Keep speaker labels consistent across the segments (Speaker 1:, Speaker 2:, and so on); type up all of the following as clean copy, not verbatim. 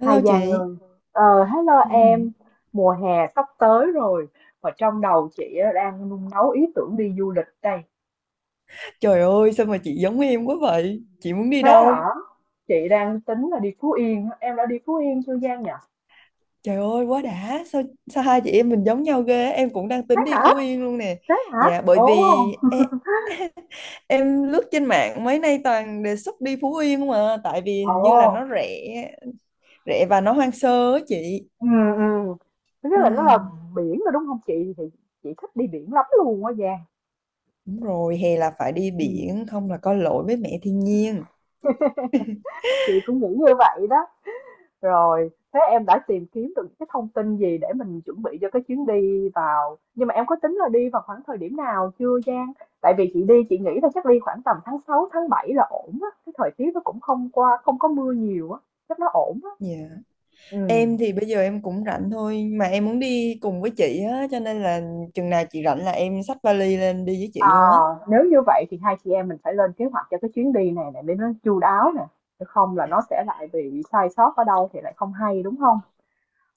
Speaker 1: Hai
Speaker 2: Hello
Speaker 1: dàn
Speaker 2: chị.
Speaker 1: người hello
Speaker 2: Ừ.
Speaker 1: em mùa hè sắp tới rồi và trong đầu chị á, đang nung nấu ý tưởng đi du lịch đây.
Speaker 2: Trời ơi, sao mà chị giống em quá vậy? Chị muốn đi
Speaker 1: Thế hả?
Speaker 2: đâu?
Speaker 1: Chị đang tính là đi Phú Yên á. Em đã đi Phú Yên chưa Giang nhỉ?
Speaker 2: Trời ơi quá đã. Sao sao hai chị em mình giống nhau ghê á? Em cũng đang
Speaker 1: Thế
Speaker 2: tính đi
Speaker 1: hả?
Speaker 2: Phú Yên luôn nè.
Speaker 1: Thế hả?
Speaker 2: Dạ, bởi
Speaker 1: Ồ.
Speaker 2: vì em, em lướt trên mạng mấy nay toàn đề xuất đi Phú Yên không à. Tại vì hình
Speaker 1: Ồ.
Speaker 2: như là nó rẻ. Rẻ và nó hoang sơ á chị.
Speaker 1: Ừ. Ừ. Thứ nhất là nó là
Speaker 2: ừ,
Speaker 1: biển rồi đúng không chị thì chị thích đi biển lắm luôn á Giang.
Speaker 2: Đúng rồi, hè là phải đi
Speaker 1: Ừ,
Speaker 2: biển. Không là có lỗi với mẹ thiên nhiên.
Speaker 1: chị cũng nghĩ như vậy đó. Rồi, thế em đã tìm kiếm được những cái thông tin gì để mình chuẩn bị cho cái chuyến đi vào nhưng mà em có tính là đi vào khoảng thời điểm nào chưa Giang? Tại vì chị đi chị nghĩ là chắc đi khoảng tầm tháng 6 tháng 7 là ổn á, cái thời tiết nó cũng không qua không có mưa nhiều á, chắc nó ổn á.
Speaker 2: Dạ.
Speaker 1: Ừ.
Speaker 2: Em thì bây giờ em cũng rảnh thôi, mà em muốn đi cùng với chị á, cho nên là chừng nào chị rảnh là em xách vali lên đi với chị
Speaker 1: À,
Speaker 2: luôn á.
Speaker 1: nếu như vậy thì hai chị em mình phải lên kế hoạch cho cái chuyến đi này này để nó chu đáo nè, chứ không là nó sẽ lại bị sai sót ở đâu thì lại không hay đúng không?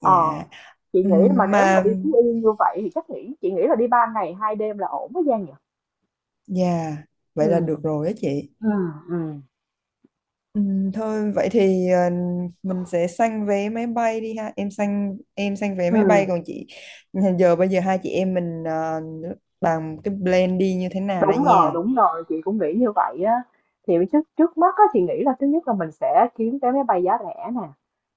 Speaker 2: Dạ.
Speaker 1: Chị nghĩ mà nếu mà
Speaker 2: Mà
Speaker 1: đi Phú Yên như vậy thì chắc chị nghĩ là đi 3 ngày 2 đêm là ổn với Giang nhỉ?
Speaker 2: dạ,
Speaker 1: Ừ.
Speaker 2: vậy là được rồi á chị.
Speaker 1: Ừ. Ừ.
Speaker 2: Thôi vậy thì mình sẽ săn vé máy bay đi ha. Em săn vé máy bay, còn
Speaker 1: Ừm.
Speaker 2: chị bây giờ hai chị em mình bàn cái plan đi như thế nào đây
Speaker 1: Đúng rồi,
Speaker 2: nha.
Speaker 1: đúng rồi, chị cũng nghĩ như vậy á. Thì trước trước mắt á, chị nghĩ là thứ nhất là mình sẽ kiếm vé máy bay giá rẻ nè,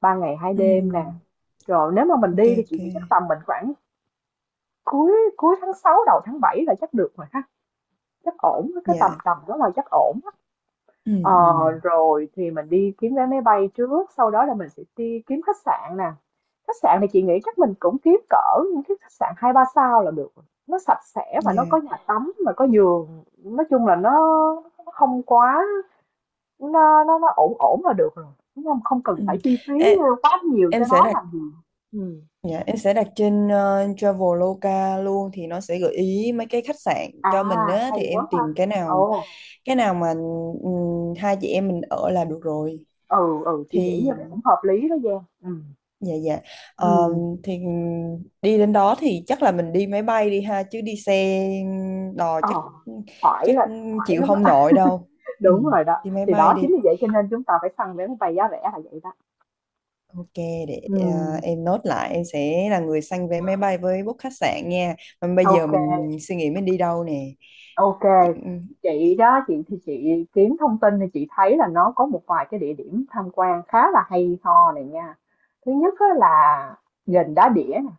Speaker 1: 3 ngày 2 đêm nè.
Speaker 2: Ừm,
Speaker 1: Rồi nếu mà mình
Speaker 2: ok
Speaker 1: đi thì
Speaker 2: ok.
Speaker 1: chị nghĩ chắc tầm mình khoảng cuối cuối tháng 6 đầu tháng 7 là chắc được rồi ha, chắc ổn cái
Speaker 2: Dạ.
Speaker 1: tầm tầm đó là chắc ổn. Ờ,
Speaker 2: Ừm, ừm,
Speaker 1: rồi thì mình đi kiếm vé máy bay trước, sau đó là mình sẽ đi kiếm khách sạn nè. Khách sạn thì chị nghĩ chắc mình cũng kiếm cỡ những cái khách sạn hai ba sao là được. Nó sạch sẽ và nó có
Speaker 2: Dạ.
Speaker 1: nhà tắm mà có giường. Nói chung là nó không quá nó ổn ổn là được rồi. Đúng không? Không cần phải
Speaker 2: Ừm.
Speaker 1: chi phí
Speaker 2: Ê,
Speaker 1: quá nhiều
Speaker 2: em
Speaker 1: cho
Speaker 2: sẽ
Speaker 1: nó
Speaker 2: đặt
Speaker 1: làm gì. Ừ.
Speaker 2: Dạ, em sẽ đặt trên Traveloka luôn, thì nó sẽ gợi ý mấy cái khách sạn
Speaker 1: À,
Speaker 2: cho mình á, thì
Speaker 1: hay quá
Speaker 2: em
Speaker 1: ha.
Speaker 2: tìm cái
Speaker 1: Ồ,
Speaker 2: nào cái nào mà hai chị em mình ở là được rồi
Speaker 1: ừ, ừ, chị nghĩ
Speaker 2: thì
Speaker 1: như vậy cũng hợp lý đó Giang. Ừ.
Speaker 2: dạ dạ. Ờ,
Speaker 1: Ừ.
Speaker 2: thì đi đến đó thì chắc là mình đi máy bay đi ha, chứ đi xe đò
Speaker 1: Ờ,
Speaker 2: chắc
Speaker 1: phải
Speaker 2: chắc
Speaker 1: là phải
Speaker 2: chịu
Speaker 1: lắm.
Speaker 2: không nổi đâu. Ừ,
Speaker 1: Đúng rồi đó,
Speaker 2: đi máy
Speaker 1: thì
Speaker 2: bay
Speaker 1: đó chính
Speaker 2: đi.
Speaker 1: vì vậy cho nên chúng ta phải săn vé máy bay giá rẻ là vậy đó.
Speaker 2: Ok, để
Speaker 1: Ừm,
Speaker 2: em nốt lại, em sẽ là người săn vé máy bay với book khách sạn nha. Mà bây giờ
Speaker 1: ok,
Speaker 2: mình suy nghĩ mình đi đâu nè.
Speaker 1: ok.
Speaker 2: Chị-
Speaker 1: Chị đó, chị thì chị kiếm thông tin thì chị thấy là nó có một vài cái địa điểm tham quan khá là hay ho này nha. Thứ nhất á là gành Đá Đĩa nè.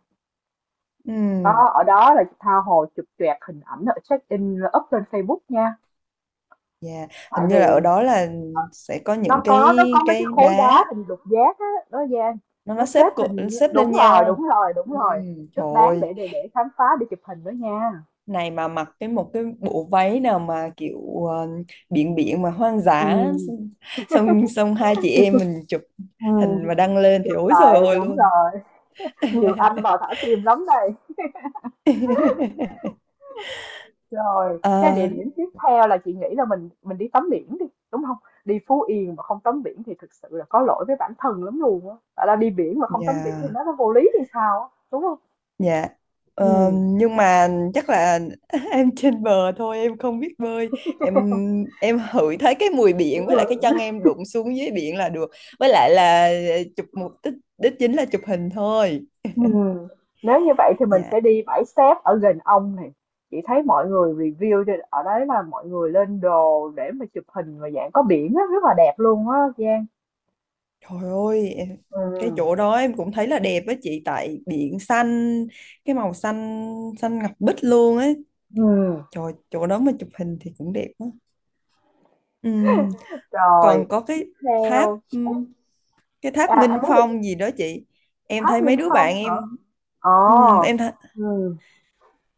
Speaker 2: ừm,
Speaker 1: Đó, ở đó là tha hồ chụp choẹt hình ảnh ở check in up lên Facebook nha.
Speaker 2: dạ.
Speaker 1: Tại
Speaker 2: Hình
Speaker 1: vì
Speaker 2: như là ở đó là sẽ có những
Speaker 1: nó có nó có mấy cái
Speaker 2: cái
Speaker 1: khối đá
Speaker 2: đá
Speaker 1: hình lục giác á nó Giang,
Speaker 2: nó
Speaker 1: nó
Speaker 2: nó
Speaker 1: xếp hình
Speaker 2: xếp lên
Speaker 1: đúng rồi
Speaker 2: nhau.
Speaker 1: đúng rồi đúng rồi,
Speaker 2: Trời
Speaker 1: rất đáng
Speaker 2: ơi,
Speaker 1: để khám phá để chụp hình đó nha.
Speaker 2: này mà mặc một cái bộ váy nào mà kiểu biển biển mà hoang
Speaker 1: Ừ,
Speaker 2: dã, xong xong hai chị em mình chụp
Speaker 1: ừ.
Speaker 2: hình mà đăng lên thì
Speaker 1: Chụp
Speaker 2: ối rồi
Speaker 1: lại
Speaker 2: ôi
Speaker 1: đúng
Speaker 2: luôn.
Speaker 1: rồi, nhiều anh vào thả tim lắm đây. Rồi cái địa
Speaker 2: À,
Speaker 1: điểm tiếp theo là chị nghĩ là mình đi tắm biển đi, đúng không? Đi Phú Yên mà không tắm biển thì thực sự là có lỗi với bản thân lắm luôn á, tại là đi biển mà không tắm biển thì
Speaker 2: dạ.
Speaker 1: nó vô lý thì sao á, đúng không?
Speaker 2: Dạ. Ờ, nhưng mà chắc là em trên bờ thôi, em không biết bơi. Em em hửi thấy cái mùi biển với lại cái
Speaker 1: Ừ.
Speaker 2: chân em đụng xuống dưới biển là được, với lại là chụp mục đích đích chính là chụp hình thôi.
Speaker 1: Ừm, nếu như vậy thì mình
Speaker 2: Dạ,
Speaker 1: sẽ đi bãi xép ở gần ông này. Chị thấy mọi người review ở đấy là mọi người lên đồ để mà chụp hình và dạng có biển á, rất là đẹp luôn á Giang.
Speaker 2: trời ơi em, cái
Speaker 1: Ừm,
Speaker 2: chỗ đó em cũng thấy là đẹp á chị, tại biển xanh, cái màu xanh xanh ngọc bích luôn ấy,
Speaker 1: ừm.
Speaker 2: trời chỗ đó mà chụp hình thì cũng đẹp á. Ừm,
Speaker 1: Rồi,
Speaker 2: Còn có
Speaker 1: tiếp
Speaker 2: tháp
Speaker 1: theo.
Speaker 2: cái tháp
Speaker 1: À,
Speaker 2: Nghinh
Speaker 1: anh nói đi.
Speaker 2: Phong gì đó chị. Em
Speaker 1: Tháp
Speaker 2: thấy mấy
Speaker 1: Nghinh
Speaker 2: đứa bạn
Speaker 1: Phong hả?
Speaker 2: em ừm,
Speaker 1: Ồ.
Speaker 2: em
Speaker 1: Ừ.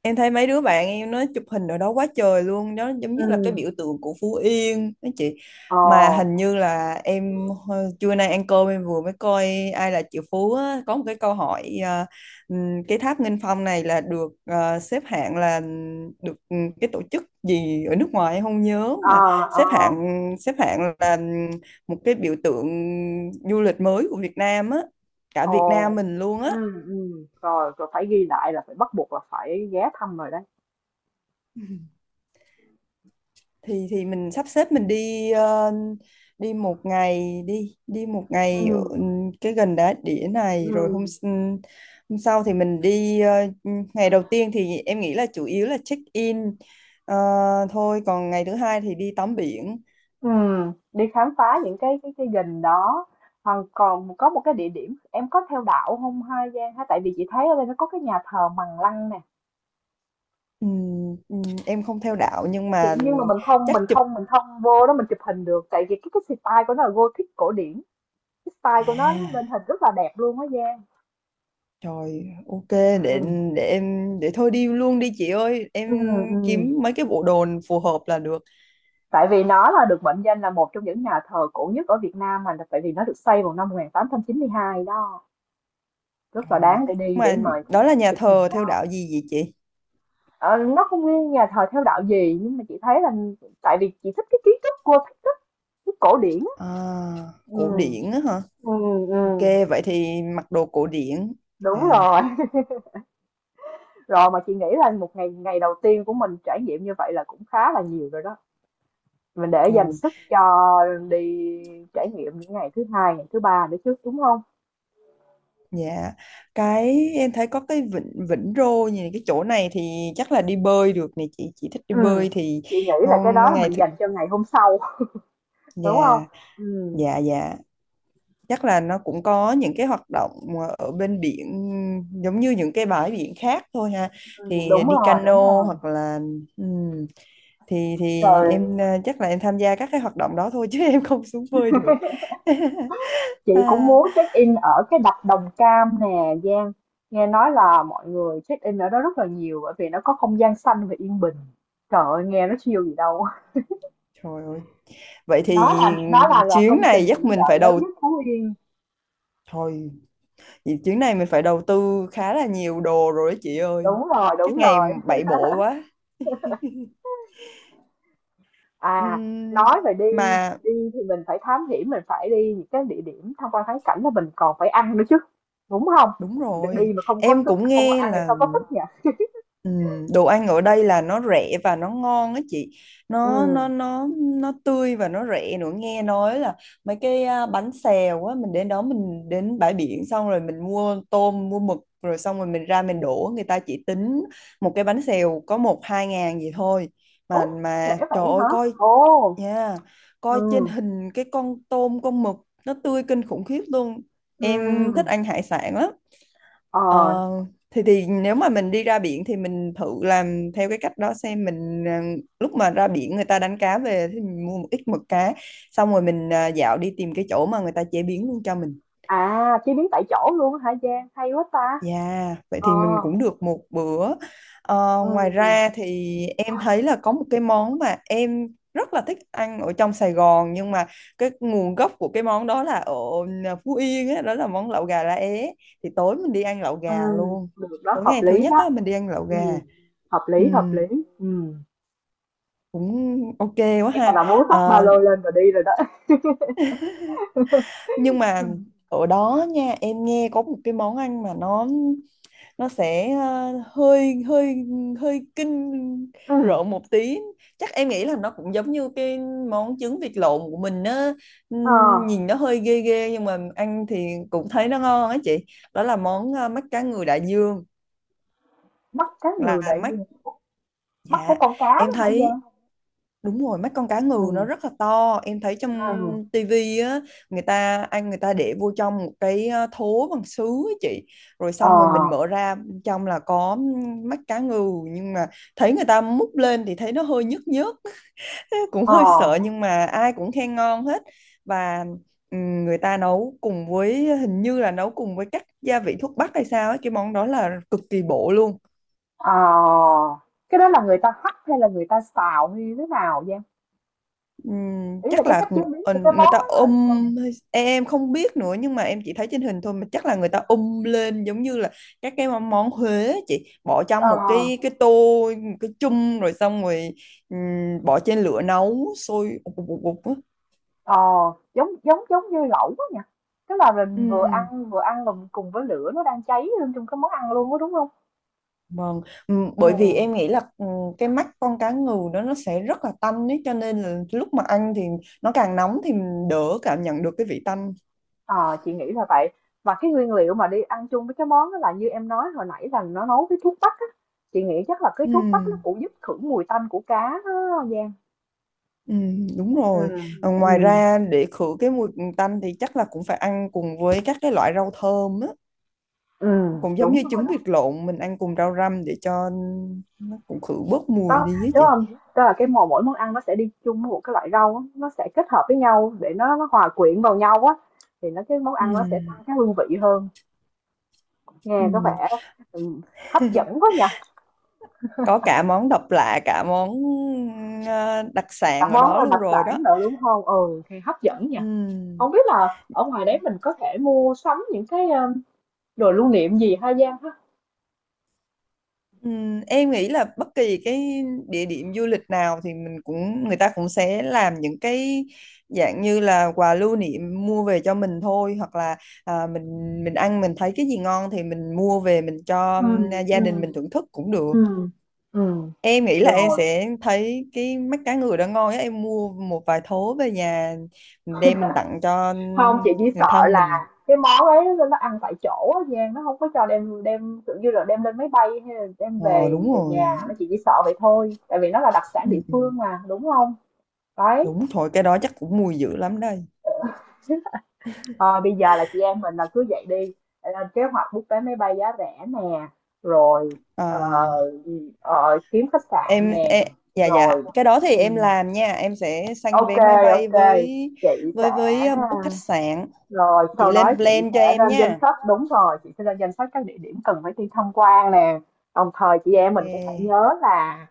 Speaker 2: Em thấy mấy đứa bạn em nó chụp hình ở đó quá trời luôn đó, giống như
Speaker 1: Ừ.
Speaker 2: là cái biểu tượng của Phú Yên đó chị. Mà hình
Speaker 1: Ồ.
Speaker 2: như là trưa nay ăn cơm em vừa mới coi Ai Là Triệu Phú á, có một cái câu hỏi à, cái tháp Nghinh Phong này là xếp hạng là được cái tổ chức gì ở nước ngoài em không nhớ,
Speaker 1: Ờ.
Speaker 2: mà
Speaker 1: Ờ.
Speaker 2: xếp hạng là một cái biểu tượng du lịch mới của Việt Nam á cả Việt Nam
Speaker 1: Ồ.
Speaker 2: mình luôn á.
Speaker 1: Ừ. Ừ. Rồi, rồi phải ghi lại là phải bắt buộc là phải ghé thăm rồi đấy.
Speaker 2: Thì mình sắp xếp mình đi đi một ngày đi đi một
Speaker 1: Ừ.
Speaker 2: ngày ở cái gần đá đĩa này, rồi
Speaker 1: Ừ.
Speaker 2: hôm sau thì mình đi ngày đầu tiên thì em nghĩ là chủ yếu là check in ờ, thôi, còn ngày thứ hai thì đi tắm biển.
Speaker 1: Ừ, đi khám phá những cái gành đó, còn còn có một cái địa điểm, em có theo đạo không ha Giang ha, tại vì chị thấy ở đây nó có cái nhà thờ Bằng Lăng nè.
Speaker 2: Em không theo đạo nhưng mà
Speaker 1: Nhưng mà mình không mình
Speaker 2: chắc chụp.
Speaker 1: không mình không vô đó mình chụp hình được, tại vì cái style của nó là Gothic cổ điển, cái style của nó lên
Speaker 2: À,
Speaker 1: hình rất là đẹp luôn á Giang.
Speaker 2: trời, ok,
Speaker 1: Ừ.
Speaker 2: để em để thôi đi luôn đi chị ơi, em
Speaker 1: Ừ, ừ.
Speaker 2: kiếm mấy cái bộ đồ phù hợp là được.
Speaker 1: Tại vì nó là được mệnh danh là một trong những nhà thờ cổ nhất ở Việt Nam, mà tại vì nó được xây vào năm 1892 đó, rất là
Speaker 2: Rồi.
Speaker 1: đáng để
Speaker 2: Nhưng
Speaker 1: đi để
Speaker 2: mà
Speaker 1: mời chụp
Speaker 2: đó là nhà
Speaker 1: chụp hình.
Speaker 2: thờ theo đạo gì vậy chị?
Speaker 1: Ờ, nó không nguyên nhà thờ theo đạo gì nhưng mà chị thấy là tại vì chị thích cái kiến trúc Gothic á, cái cổ điển á.
Speaker 2: À,
Speaker 1: Ừ.
Speaker 2: cổ điển á hả?
Speaker 1: Ừ. Ừ,
Speaker 2: Ok, vậy thì mặc đồ cổ điển.
Speaker 1: đúng
Speaker 2: À,
Speaker 1: rồi. Rồi mà chị nghĩ là một ngày ngày đầu tiên của mình trải nghiệm như vậy là cũng khá là nhiều rồi đó, mình để dành
Speaker 2: ừ,
Speaker 1: sức cho đi trải nghiệm những ngày thứ hai ngày thứ ba nữa chứ, đúng không?
Speaker 2: dạ. Cái em thấy có cái vịnh Vĩnh Rô như cái chỗ này thì chắc là đi bơi được nè chị. Chị thích đi
Speaker 1: Ừ.
Speaker 2: bơi thì
Speaker 1: Chị nghĩ là cái đó là
Speaker 2: ngày
Speaker 1: mình
Speaker 2: thứ.
Speaker 1: dành cho ngày hôm sau, đúng không?
Speaker 2: Dạ,
Speaker 1: Ừ.
Speaker 2: dạ. Chắc là nó cũng có những cái hoạt động ở bên biển giống như những cái bãi biển khác thôi ha,
Speaker 1: Ừ,
Speaker 2: thì đi
Speaker 1: đúng
Speaker 2: cano
Speaker 1: rồi
Speaker 2: hoặc là ừm, thì
Speaker 1: rồi.
Speaker 2: em chắc là em tham gia các cái hoạt động đó thôi, chứ em không xuống bơi được.
Speaker 1: Chị cũng
Speaker 2: À,
Speaker 1: muốn check in ở cái đập Đồng Cam nè Giang, nghe nói là mọi người check in ở đó rất là nhiều bởi vì nó có không gian xanh và yên bình, trời ơi nghe nó siêu gì đâu.
Speaker 2: trời ơi vậy thì
Speaker 1: Nó là
Speaker 2: chuyến
Speaker 1: công
Speaker 2: này
Speaker 1: trình thủy
Speaker 2: chắc mình
Speaker 1: lợi
Speaker 2: phải
Speaker 1: lớn
Speaker 2: đầu
Speaker 1: nhất Phú Yên.
Speaker 2: thôi vì chuyến này mình phải đầu tư khá là nhiều đồ rồi đó chị ơi,
Speaker 1: Đúng rồi đúng
Speaker 2: chắc ngày
Speaker 1: rồi.
Speaker 2: bảy bộ quá.
Speaker 1: À,
Speaker 2: Ừm,
Speaker 1: nói về đi
Speaker 2: mà
Speaker 1: đi thì mình phải thám hiểm, mình phải đi những cái địa điểm tham quan thắng cảnh là mình còn phải ăn nữa chứ, đúng không?
Speaker 2: đúng
Speaker 1: Được đi
Speaker 2: rồi,
Speaker 1: mà không có
Speaker 2: em
Speaker 1: sức
Speaker 2: cũng
Speaker 1: không có
Speaker 2: nghe
Speaker 1: ăn thì
Speaker 2: là
Speaker 1: sao có sức nhỉ?
Speaker 2: Ừ, đồ ăn ở đây là nó rẻ và nó ngon á chị, nó nó
Speaker 1: Ừ.
Speaker 2: nó nó tươi và nó rẻ nữa, nghe nói là mấy cái bánh xèo á, mình đến đó mình đến bãi biển xong rồi mình mua tôm mua mực, rồi xong rồi mình ra mình đổ, người ta chỉ tính một cái bánh xèo có một hai ngàn gì thôi,
Speaker 1: Ủa,
Speaker 2: mà
Speaker 1: trễ
Speaker 2: mà trời
Speaker 1: vậy
Speaker 2: ơi
Speaker 1: hả?
Speaker 2: coi
Speaker 1: Ồ.
Speaker 2: nha, coi trên
Speaker 1: Ừ.
Speaker 2: hình cái con tôm con mực nó tươi kinh khủng khiếp luôn,
Speaker 1: Ừ.
Speaker 2: em thích ăn hải sản lắm.
Speaker 1: Ờ,
Speaker 2: Ờ, thì nếu mà mình đi ra biển thì mình thử làm theo cái cách đó xem, mình lúc mà ra biển người ta đánh cá về thì mình mua một ít mực cá, xong rồi mình dạo đi tìm cái chỗ mà người ta chế biến luôn cho mình.
Speaker 1: à, chế biến tại chỗ luôn hả Giang? Hay quá ta.
Speaker 2: Yeah, vậy
Speaker 1: Ờ,
Speaker 2: thì mình cũng được một bữa. Ờ, ngoài
Speaker 1: ừ,
Speaker 2: ra thì em thấy là có một cái món mà em rất là thích ăn ở trong Sài Gòn, nhưng mà cái nguồn gốc của cái món đó là ở Phú Yên á, đó là món lẩu gà lá é. Thì tối mình đi ăn lẩu
Speaker 1: ừ,
Speaker 2: gà luôn.
Speaker 1: được đó,
Speaker 2: Tối
Speaker 1: hợp
Speaker 2: ngày thứ
Speaker 1: lý
Speaker 2: nhất
Speaker 1: đó.
Speaker 2: á mình đi ăn lẩu
Speaker 1: Ừ,
Speaker 2: gà.
Speaker 1: hợp
Speaker 2: Ừ,
Speaker 1: lý, hợp lý. Ừ,
Speaker 2: cũng ok quá
Speaker 1: nghe
Speaker 2: ha.
Speaker 1: là muốn xách ba
Speaker 2: Ờ,
Speaker 1: lô lên và đi rồi đó.
Speaker 2: nhưng mà
Speaker 1: Ừ.
Speaker 2: ở đó nha, em nghe có một cái món ăn mà nó sẽ hơi hơi hơi kinh
Speaker 1: Ừ.
Speaker 2: rợn một tí, chắc em nghĩ là nó cũng giống như cái món trứng vịt lộn của mình á.
Speaker 1: ờ,
Speaker 2: Nhìn nó hơi ghê ghê nhưng mà ăn thì cũng thấy nó ngon á chị, đó là món mắt cá ngừ đại dương.
Speaker 1: bắt cá ngừ
Speaker 2: Là
Speaker 1: đại
Speaker 2: mắt,
Speaker 1: dương, bắt của
Speaker 2: dạ
Speaker 1: con cá
Speaker 2: em
Speaker 1: đó hả
Speaker 2: thấy.
Speaker 1: Giang?
Speaker 2: Đúng rồi, mắt con cá ngừ nó
Speaker 1: Ừ.
Speaker 2: rất là to. Em thấy trong
Speaker 1: Ừ.
Speaker 2: tivi á, người ta ăn người ta để vô trong một cái thố bằng sứ á chị. Rồi
Speaker 1: Ờ.
Speaker 2: xong rồi mình mở ra, trong là có mắt cá ngừ, nhưng mà thấy người ta múc lên thì thấy nó hơi nhức nhức, cũng
Speaker 1: Ờ.
Speaker 2: hơi sợ nhưng mà ai cũng khen ngon hết. Và người ta nấu cùng với, hình như là nấu cùng với các gia vị thuốc bắc hay sao ấy, cái món đó là cực kỳ bổ luôn.
Speaker 1: Ờ. Cái đó là người ta hấp hay là người ta xào như thế nào Giang? Ý là
Speaker 2: Chắc
Speaker 1: cái
Speaker 2: là
Speaker 1: cách chế biến của cái
Speaker 2: người
Speaker 1: món
Speaker 2: ta
Speaker 1: đó.
Speaker 2: ôm,
Speaker 1: Là sao?
Speaker 2: em không biết nữa, nhưng mà em chỉ thấy trên hình thôi, mà chắc là người ta ôm lên giống như là các cái món món Huế á chị, bỏ
Speaker 1: Ờ.
Speaker 2: trong một cái tô, một cái chung, rồi xong rồi bỏ trên lửa nấu sôi ụp ụp ụp ụp á.
Speaker 1: Ờ, giống giống giống như lẩu á nhỉ? Tức là mình vừa
Speaker 2: Ừm,
Speaker 1: ăn cùng cùng với lửa nó đang cháy lên trong cái món ăn luôn á, đúng không?
Speaker 2: vâng.
Speaker 1: Ừ.
Speaker 2: Bởi vì em nghĩ là cái mắt con cá ngừ đó nó sẽ rất là tanh ấy, cho nên là lúc mà ăn thì nó càng nóng thì mình đỡ cảm nhận được cái vị tanh.
Speaker 1: Ờ, chị nghĩ là vậy. Và cái nguyên liệu mà đi ăn chung với cái món đó là như em nói hồi nãy là nó nấu với thuốc bắc á. Chị nghĩ chắc là cái thuốc bắc nó
Speaker 2: Ừm.
Speaker 1: cũng giúp khử mùi tanh của cá đó Giang.
Speaker 2: Ừ, đúng
Speaker 1: Ừ.
Speaker 2: rồi. Ờ, ngoài
Speaker 1: Ừ.
Speaker 2: ra để khử cái mùi tanh thì chắc là cũng phải ăn cùng với các cái loại rau thơm á,
Speaker 1: Ừ,
Speaker 2: cũng giống
Speaker 1: đúng
Speaker 2: như
Speaker 1: rồi
Speaker 2: trứng
Speaker 1: đó.
Speaker 2: vịt lộn mình ăn cùng rau răm để cho nó cũng khử bớt mùi
Speaker 1: Đó,
Speaker 2: đi á
Speaker 1: đúng
Speaker 2: chị.
Speaker 1: không? Tức là cái mỗi mỗi món ăn nó sẽ đi chung với một cái loại rau á, nó sẽ kết hợp với nhau để nó hòa quyện vào nhau á, thì nó cái món
Speaker 2: Ừ,
Speaker 1: ăn nó sẽ tăng cái hương vị hơn.
Speaker 2: ừ.
Speaker 1: Nghe có vẻ, ừm, hấp dẫn quá nhỉ?
Speaker 2: Có cả món độc lạ, cả món đặc
Speaker 1: Cả
Speaker 2: sản ở
Speaker 1: món
Speaker 2: đó
Speaker 1: là
Speaker 2: luôn
Speaker 1: đặc
Speaker 2: rồi đó.
Speaker 1: sản nữa đúng hông? Ừ, thì hấp dẫn nhỉ.
Speaker 2: Ừ.
Speaker 1: Không biết là ở ngoài đấy mình có thể mua sắm những cái, đồ lưu niệm gì ha Giang ha?
Speaker 2: Em nghĩ là bất kỳ cái địa điểm du lịch nào thì mình cũng, người ta cũng sẽ làm những cái dạng như là quà lưu niệm mua về cho mình thôi, hoặc là à, mình mình ăn mình thấy cái gì ngon thì mình mua về mình cho
Speaker 1: Ừ.
Speaker 2: gia
Speaker 1: Ừ.
Speaker 2: đình mình thưởng thức cũng được.
Speaker 1: Ừ. Ừm,
Speaker 2: Em nghĩ là em
Speaker 1: rồi.
Speaker 2: sẽ thấy cái mắt cá ngừ đó ngon á, em mua một vài thố về nhà, mình đem mình tặng cho
Speaker 1: Không chị chỉ
Speaker 2: người
Speaker 1: sợ
Speaker 2: thân
Speaker 1: là
Speaker 2: mình.
Speaker 1: cái món ấy nó ăn tại chỗ á Giang, nó không có cho đem đem, kiểu như là, đem lên máy bay hay là đem
Speaker 2: Ờ
Speaker 1: về
Speaker 2: đúng
Speaker 1: về
Speaker 2: rồi,
Speaker 1: nhà, nó chỉ sợ vậy thôi, tại vì nó là đặc sản
Speaker 2: ừ,
Speaker 1: địa
Speaker 2: ừ.
Speaker 1: phương mà, đúng không? Đấy.
Speaker 2: Đúng, thôi cái đó chắc cũng mùi dữ lắm đây.
Speaker 1: Thôi bây giờ là chị em mình là cứ vậy đi, lên kế hoạch book vé máy bay giá rẻ nè, rồi ờ,
Speaker 2: à
Speaker 1: ờ, kiếm khách sạn
Speaker 2: em,
Speaker 1: nè,
Speaker 2: em dạ dạ,
Speaker 1: rồi
Speaker 2: cái đó thì
Speaker 1: ừ,
Speaker 2: em làm nha, em sẽ sanh
Speaker 1: ok,
Speaker 2: vé máy bay
Speaker 1: ok, chị sẽ,
Speaker 2: với book khách sạn.
Speaker 1: rồi
Speaker 2: Chị
Speaker 1: sau đó
Speaker 2: lên
Speaker 1: chị
Speaker 2: plan
Speaker 1: sẽ
Speaker 2: cho em
Speaker 1: lên danh
Speaker 2: nha.
Speaker 1: sách, đúng rồi chị sẽ lên danh sách các địa điểm cần phải đi tham quan nè, đồng thời chị em
Speaker 2: Ok.
Speaker 1: mình cũng phải nhớ là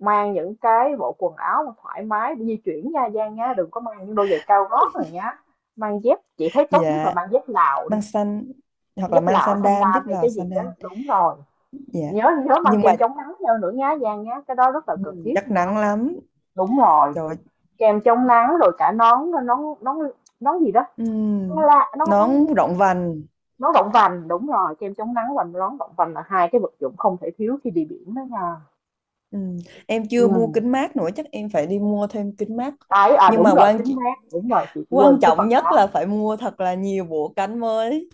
Speaker 1: mang những cái bộ quần áo mà thoải mái để di chuyển nha Giang nhá, đừng có mang những đôi giày cao gót này nhá, mang dép chị thấy tốt nhất là
Speaker 2: Dạ,
Speaker 1: mang dép lào,
Speaker 2: mang xanh hoặc là
Speaker 1: giúp
Speaker 2: mang
Speaker 1: lão thanh
Speaker 2: sandan,
Speaker 1: đam
Speaker 2: giúp
Speaker 1: hay
Speaker 2: là
Speaker 1: cái gì đó
Speaker 2: sandan.
Speaker 1: đúng rồi.
Speaker 2: Dạ,
Speaker 1: Nhớ nhớ mang
Speaker 2: nhưng mà
Speaker 1: kem chống nắng theo nữa nhá Giang nhá, cái đó rất là
Speaker 2: ừ,
Speaker 1: cần thiết
Speaker 2: chắc
Speaker 1: luôn á.
Speaker 2: nắng lắm,
Speaker 1: Đúng rồi,
Speaker 2: trời ơi.
Speaker 1: kem chống nắng rồi cả nón nón nón, nón gì đó, nón
Speaker 2: Ừ,
Speaker 1: la nón nón,
Speaker 2: nón rộng vành.
Speaker 1: nón động vành, đúng rồi kem chống nắng và nón động vành là hai cái vật dụng không thể thiếu khi đi biển đó nha.
Speaker 2: Ừ. Em
Speaker 1: Ừ.
Speaker 2: chưa mua kính mát nữa, chắc em phải đi mua thêm kính mát,
Speaker 1: Đấy à,
Speaker 2: nhưng
Speaker 1: đúng
Speaker 2: mà
Speaker 1: rồi
Speaker 2: quan
Speaker 1: kính mát, đúng rồi chị quên
Speaker 2: quan
Speaker 1: cái
Speaker 2: trọng
Speaker 1: phần
Speaker 2: nhất
Speaker 1: đó.
Speaker 2: là phải mua thật là nhiều bộ cánh mới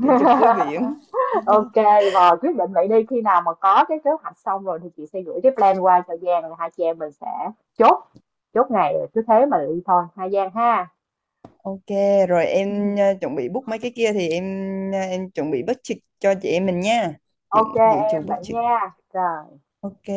Speaker 2: để chụp với biển.
Speaker 1: OK, và quyết định vậy đi, khi nào mà có cái kế hoạch xong rồi thì chị sẽ gửi cái plan qua cho Giang rồi hai chị em mình sẽ chốt chốt ngày rồi cứ thế mà đi thôi hai Giang ha.
Speaker 2: Ok, rồi em chuẩn bị book mấy cái kia, thì em em chuẩn bị budget cho chị em mình nha. Dự
Speaker 1: OK
Speaker 2: dự trù
Speaker 1: em vậy
Speaker 2: budget.
Speaker 1: nha. Rồi.
Speaker 2: Ok.